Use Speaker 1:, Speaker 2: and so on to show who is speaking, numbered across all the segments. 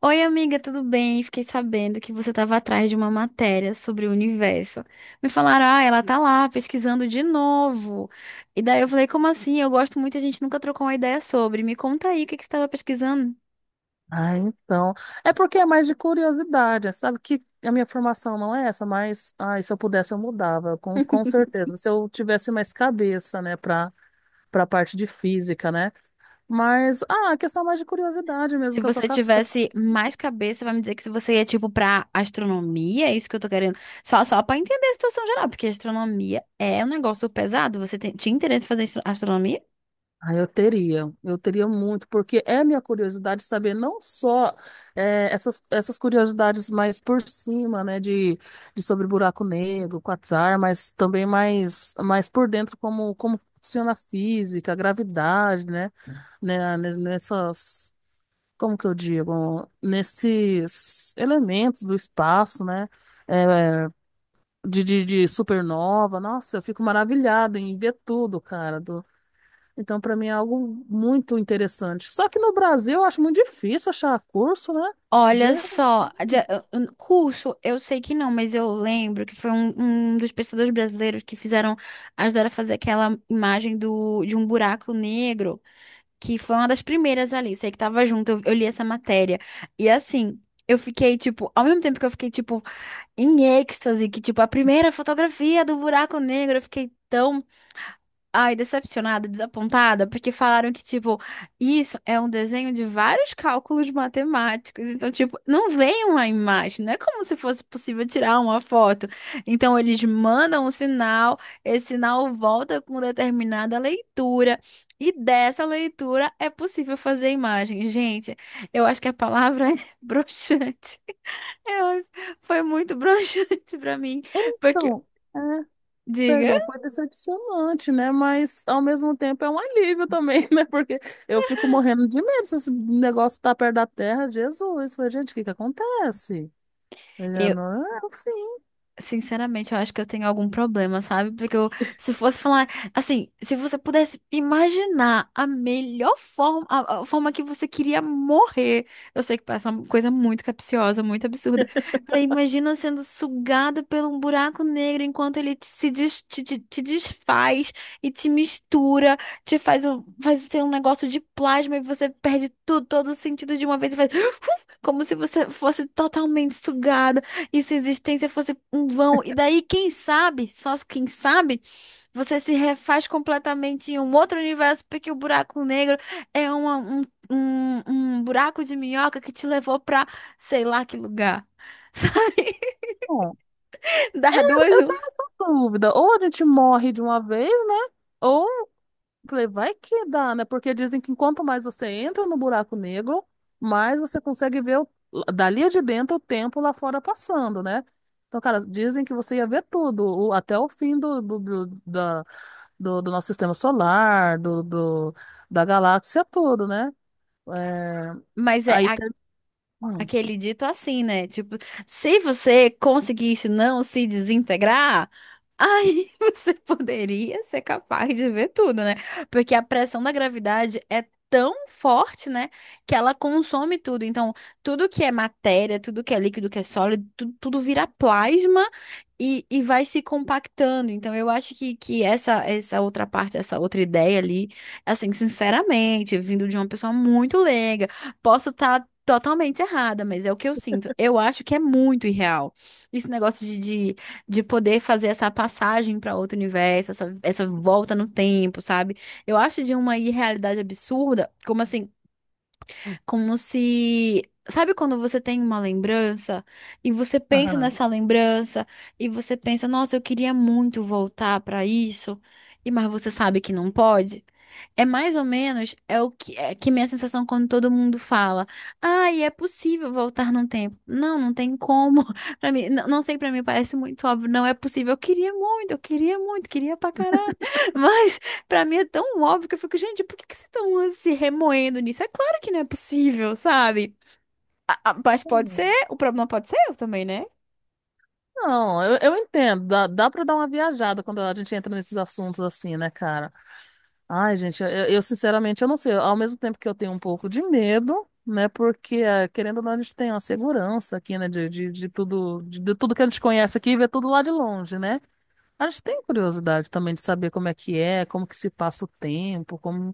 Speaker 1: Oi, amiga, tudo bem? Fiquei sabendo que você estava atrás de uma matéria sobre o universo. Me falaram, ah, ela tá lá pesquisando de novo. E daí eu falei, como assim? Eu gosto muito, a gente nunca trocou uma ideia sobre. Me conta aí o que que você estava pesquisando.
Speaker 2: Ah, então. É porque é mais de curiosidade, sabe? Que a minha formação não é essa, mas ai, se eu pudesse eu mudava, com certeza. Se eu tivesse mais cabeça, né, para a parte de física, né? Mas a questão é mais de curiosidade mesmo
Speaker 1: Se
Speaker 2: que eu tô.
Speaker 1: você tivesse mais cabeça, vai me dizer que se você ia, tipo, pra astronomia, é isso que eu tô querendo. Só pra entender a situação geral, porque astronomia é um negócio pesado. Você tem, tinha interesse em fazer astronomia?
Speaker 2: Eu teria muito, porque é minha curiosidade saber não só essas curiosidades mais por cima, né, de sobre buraco negro, quasar, mas também mais por dentro como funciona a física, a gravidade, né, né, nessas, como que eu digo, nesses elementos do espaço, né, eh, de supernova. Nossa, eu fico maravilhada em ver tudo, cara, então, para mim é algo muito interessante. Só que no Brasil eu acho muito difícil achar curso, né?
Speaker 1: Olha
Speaker 2: Ge-
Speaker 1: só, a curso, eu sei que não, mas eu lembro que foi um dos pesquisadores brasileiros que fizeram, ajudaram a fazer aquela imagem do, de um buraco negro, que foi uma das primeiras ali, sei que tava junto, eu li essa matéria. E assim, eu fiquei, tipo, ao mesmo tempo que eu fiquei, tipo, em êxtase, que, tipo, a primeira fotografia do buraco negro, eu fiquei tão. Ai, decepcionada, desapontada, porque falaram que, tipo, isso é um desenho de vários cálculos matemáticos. Então, tipo, não vem uma imagem, não é como se fosse possível tirar uma foto. Então, eles mandam um sinal, esse sinal volta com determinada leitura, e dessa leitura é possível fazer a imagem. Gente, eu acho que a palavra é broxante. Eu- foi muito broxante pra mim, porque,
Speaker 2: Então, é,
Speaker 1: diga.
Speaker 2: perdão, foi decepcionante, né? Mas ao mesmo tempo é um alívio também, né? Porque eu fico morrendo de medo se esse negócio tá perto da terra. Jesus, falei, gente, o que que acontece? Ele, é, não, é o fim.
Speaker 1: Sinceramente, eu acho que eu tenho algum problema, sabe? Porque eu, se fosse falar, assim, se você pudesse imaginar a melhor forma, a forma que você queria morrer, eu sei que parece uma coisa muito capciosa, muito absurda. Falei, imagina sendo sugada pelo um buraco negro enquanto ele te- se des- te desfaz e te mistura, te faz, faz ser um negócio de plasma e você perde tudo, todo o sentido de uma vez e faz, como se você fosse totalmente sugada. E se a existência fosse um vão, e daí, quem sabe, só quem sabe, você se refaz completamente em um outro universo, porque o buraco negro é um buraco de minhoca que te levou pra sei lá que lugar. Sabe?
Speaker 2: Bom,
Speaker 1: Dar duas,
Speaker 2: eu
Speaker 1: um.
Speaker 2: tenho essa dúvida. Ou a gente morre de uma vez, né? Ou falei, vai que dá, né? Porque dizem que quanto mais você entra no buraco negro, mais você consegue dali de dentro o tempo lá fora passando, né? Então, cara, dizem que você ia ver tudo, até o fim do, do nosso sistema solar, da galáxia, tudo, né? É,
Speaker 1: Mas é
Speaker 2: aí tem. Hum,
Speaker 1: aquele dito assim, né? Tipo, se você conseguisse não se desintegrar. Aí você poderia ser capaz de ver tudo, né? Porque a pressão da gravidade é tão forte, né? Que ela consome tudo. Então, tudo que é matéria, tudo que é líquido, que é sólido, tudo, tudo vira plasma e vai se compactando. Então, eu acho que essa outra parte, essa outra ideia ali, assim, sinceramente, vindo de uma pessoa muito leiga, posso estar totalmente errada, mas é o que eu sinto. Eu acho que é muito irreal. Esse negócio de poder fazer essa passagem para outro universo, essa volta no tempo, sabe? Eu acho de uma irrealidade absurda, como assim, como se. Sabe quando você tem uma lembrança e você pensa
Speaker 2: aham.
Speaker 1: nessa lembrança e você pensa, nossa, eu queria muito voltar para isso, e mas você sabe que não pode? É mais ou menos é o que é que minha sensação quando todo mundo fala: "Ai, é possível voltar no tempo." Não, não tem como. Para mim, não, não sei, para mim parece muito óbvio, não é possível. Eu queria muito, queria pra caralho. Mas pra mim é tão óbvio que eu fico, gente, por que que vocês estão se remoendo nisso? É claro que não é possível, sabe? Mas pode ser, o problema pode ser eu também, né?
Speaker 2: Não, eu entendo. Dá pra dar uma viajada quando a gente entra nesses assuntos assim, né, cara? Ai, gente, eu sinceramente eu não sei. Ao mesmo tempo que eu tenho um pouco de medo, né? Porque, querendo ou não, a gente tem uma segurança aqui, né? De tudo, de tudo que a gente conhece aqui e vê tudo lá de longe, né? A gente tem curiosidade também de saber como é que é, como que se passa o tempo, como.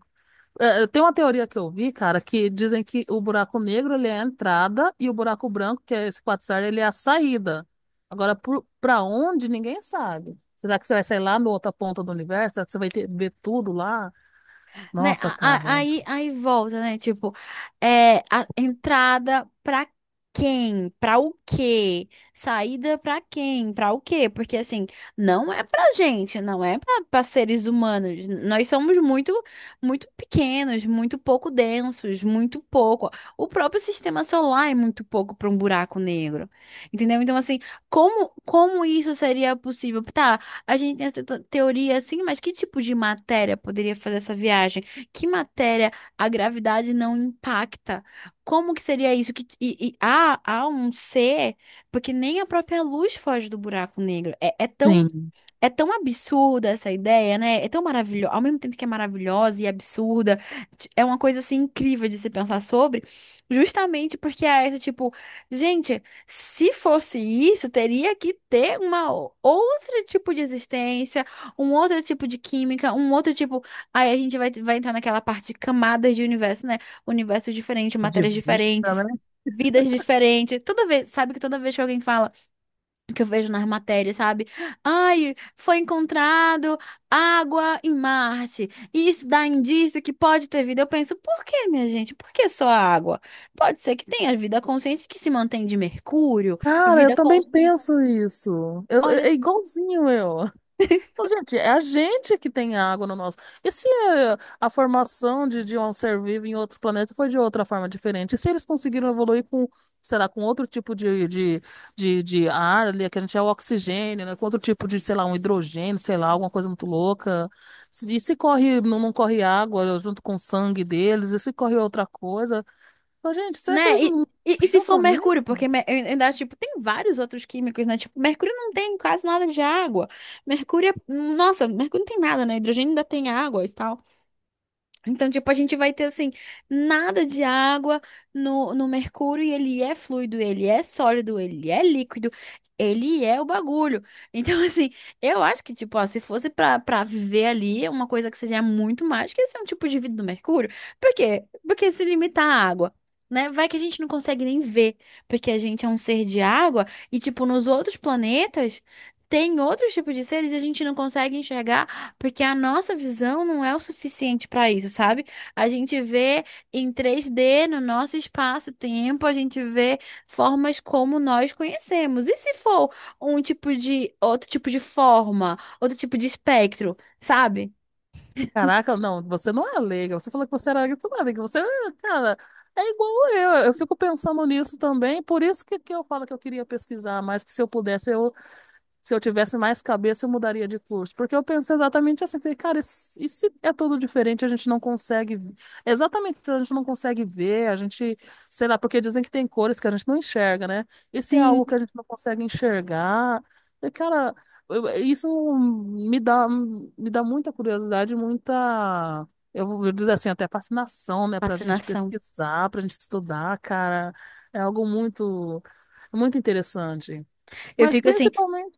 Speaker 2: Eu tenho uma teoria que eu vi, cara, que dizem que o buraco negro ele é a entrada e o buraco branco, que é esse quasar, ele é a saída. Agora, pra onde, ninguém sabe. Será que você vai sair lá na outra ponta do universo? Será que você vai ter, ver tudo lá?
Speaker 1: Né?
Speaker 2: Nossa, cara.
Speaker 1: Aí, aí volta, né? Tipo, é, a entrada pra quem? Pra o quê? Saída pra quem? Pra o quê? Porque assim, não é pra gente, não é pra, pra seres humanos. Nós somos muito, muito pequenos, muito pouco densos, muito pouco. O próprio sistema solar é muito pouco pra um buraco negro. Entendeu? Então, assim, como, como isso seria possível? Tá, a gente tem essa teoria assim, mas que tipo de matéria poderia fazer essa viagem? Que matéria a gravidade não impacta? Como que seria isso? Que, e há, há um ser, porque nem a própria luz foge do buraco negro. É, é tão
Speaker 2: Sim.
Speaker 1: é tão absurda essa ideia, né? É tão maravilhosa. Ao mesmo tempo que é maravilhosa e absurda, é uma coisa assim incrível de se pensar sobre, justamente porque é esse tipo, gente, se fosse isso, teria que ter outro tipo de existência, um outro tipo de química, um outro tipo. Aí a gente vai, vai entrar naquela parte de camadas de universo, né? Universo diferente,
Speaker 2: É de
Speaker 1: matérias
Speaker 2: vida,
Speaker 1: diferentes.
Speaker 2: né?
Speaker 1: Vidas diferentes. Toda vez, sabe que toda vez que alguém fala que eu vejo nas matérias, sabe? Ai, foi encontrado água em Marte. E isso dá indício que pode ter vida. Eu penso, por que, minha gente? Por que só água? Pode ser que tenha vida consciente que se mantém de Mercúrio,
Speaker 2: Cara, eu
Speaker 1: vida
Speaker 2: também
Speaker 1: consciente,
Speaker 2: penso isso.
Speaker 1: olha,
Speaker 2: É
Speaker 1: só,
Speaker 2: igualzinho eu. Ô, gente, é a gente que tem água no nosso. E se é, a formação de um ser vivo em outro planeta foi de outra forma diferente? E se eles conseguiram evoluir com, sei lá, com outro tipo de ar ali, que a gente é o oxigênio, né? Com outro tipo de, sei lá, um hidrogênio, sei lá, alguma coisa muito louca. E se corre, não, não corre água junto com o sangue deles? E se corre outra coisa? Ô, gente, será que eles
Speaker 1: né?
Speaker 2: não
Speaker 1: E se for
Speaker 2: pensam
Speaker 1: Mercúrio,
Speaker 2: nisso?
Speaker 1: porque eu ainda tipo, tem vários outros químicos, né? Tipo, Mercúrio não tem quase nada de água. Mercúrio é, nossa, Mercúrio não tem nada, né? Hidrogênio ainda tem água e tal. Então, tipo, a gente vai ter assim, nada de água no mercúrio e ele é fluido, ele é sólido, ele é líquido, ele é o bagulho. Então, assim, eu acho que, tipo, ó, se fosse pra, pra viver ali, é uma coisa que seja muito mais que esse é um tipo de vida do mercúrio. Por quê? Porque se limitar à água. Né? Vai que a gente não consegue nem ver, porque a gente é um ser de água e, tipo, nos outros planetas tem outros tipos de seres e a gente não consegue enxergar porque a nossa visão não é o suficiente para isso, sabe? A gente vê em três d no nosso espaço-tempo, a gente vê formas como nós conhecemos. E se for um tipo de outro tipo de forma, outro tipo de espectro, sabe?
Speaker 2: Caraca, não, você não é leiga. Você falou que você era leiga, você não é leiga. Você, é, cara, é igual eu. Eu fico pensando nisso também. Por isso que eu falo que eu queria pesquisar mais, que se eu pudesse, eu. Se eu tivesse mais cabeça, eu mudaria de curso. Porque eu penso exatamente assim, falei, cara, e se é tudo diferente, a gente não consegue. Exatamente, a gente não consegue ver, a gente, sei lá, porque dizem que tem cores que a gente não enxerga, né? E se é algo
Speaker 1: Sim,
Speaker 2: que a gente não consegue enxergar. E, cara, isso me dá muita curiosidade, muita. Eu vou dizer assim, até fascinação, né? Pra gente
Speaker 1: fascinação.
Speaker 2: pesquisar, pra gente estudar, cara. É algo muito, muito interessante.
Speaker 1: Eu
Speaker 2: Mas
Speaker 1: fico assim.
Speaker 2: principalmente,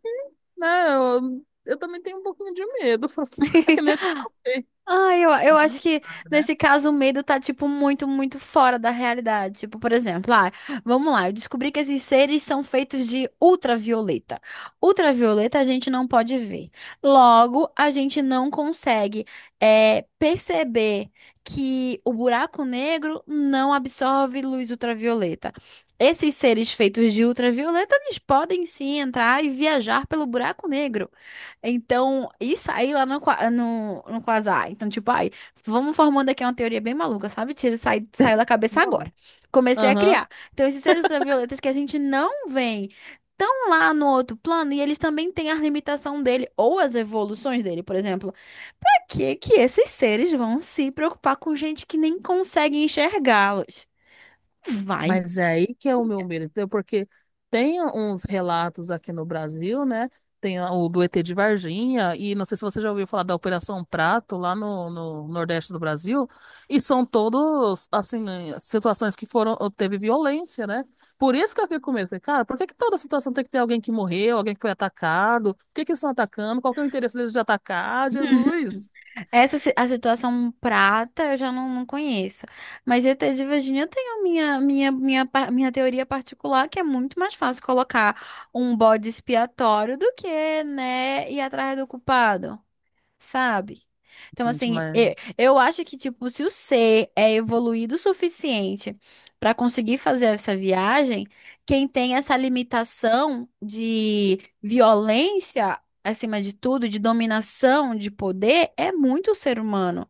Speaker 2: né, eu também tenho um pouquinho de medo. É que nem eu te falei.
Speaker 1: Ah, eu acho
Speaker 2: Não
Speaker 1: que
Speaker 2: sabe, né?
Speaker 1: nesse caso o medo tá, tipo, muito, muito fora da realidade. Tipo, por exemplo, ah, vamos lá, eu descobri que esses seres são feitos de ultravioleta. Ultravioleta a gente não pode ver. Logo, a gente não consegue, perceber que o buraco negro não absorve luz ultravioleta. Esses seres feitos de ultravioleta, eles podem sim entrar e viajar pelo buraco negro. Então, isso aí lá no Quasar. Então, tipo, ai, vamos formando aqui uma teoria bem maluca, sabe? Tira, sai, saiu da cabeça agora.
Speaker 2: Não.
Speaker 1: Comecei a criar. Então, esses seres ultravioletas que a gente não vê estão lá no outro plano e eles também têm a limitação dele ou as evoluções dele, por exemplo. Pra que que esses seres vão se preocupar com gente que nem consegue enxergá-los? Vai.
Speaker 2: Mas é aí que é o meu medo, entendeu? Porque tem uns relatos aqui no Brasil, né? Tem o do ET de Varginha, e não sei se você já ouviu falar da Operação Prato lá no Nordeste do Brasil, e são todos, assim, situações que foram, teve violência, né? Por isso que eu fico com medo. Falei, cara, por que que toda situação tem que ter alguém que morreu, alguém que foi atacado? Por que que eles estão atacando? Qual que é o interesse deles de atacar? Jesus!
Speaker 1: A situação prata eu já não, não conheço. Mas ET de Virginia eu tenho minha teoria particular, que é muito mais fácil colocar um bode expiatório do que, né, ir atrás do culpado, sabe? Então,
Speaker 2: Gente,
Speaker 1: assim,
Speaker 2: mas.
Speaker 1: eu acho que, tipo, se o ser é evoluído o suficiente para conseguir fazer essa viagem, quem tem essa limitação de violência, acima de tudo, de dominação, de poder, é muito o ser humano.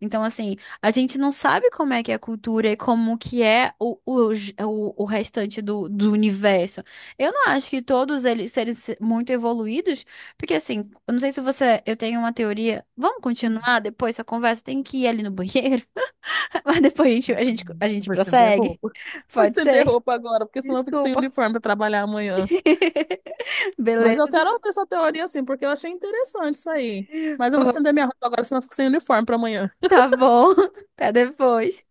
Speaker 1: Então, assim, a gente não sabe como é que é a cultura e como que é o restante do, do universo. Eu não acho que todos eles serem muito evoluídos, porque assim, eu não sei se você, eu tenho uma teoria. Vamos continuar depois essa conversa? Tem que ir ali no banheiro, mas depois a
Speaker 2: Eu
Speaker 1: gente
Speaker 2: vou estender
Speaker 1: prossegue.
Speaker 2: roupa. Vou
Speaker 1: Pode
Speaker 2: estender
Speaker 1: ser?
Speaker 2: roupa agora, porque senão eu fico sem
Speaker 1: Desculpa.
Speaker 2: uniforme para trabalhar amanhã. Mas eu
Speaker 1: Beleza.
Speaker 2: quero ouvir sua teoria assim, porque eu achei interessante isso aí. Mas eu vou
Speaker 1: Pô,
Speaker 2: estender minha roupa agora, senão eu fico sem uniforme para amanhã.
Speaker 1: tá bom. Até depois.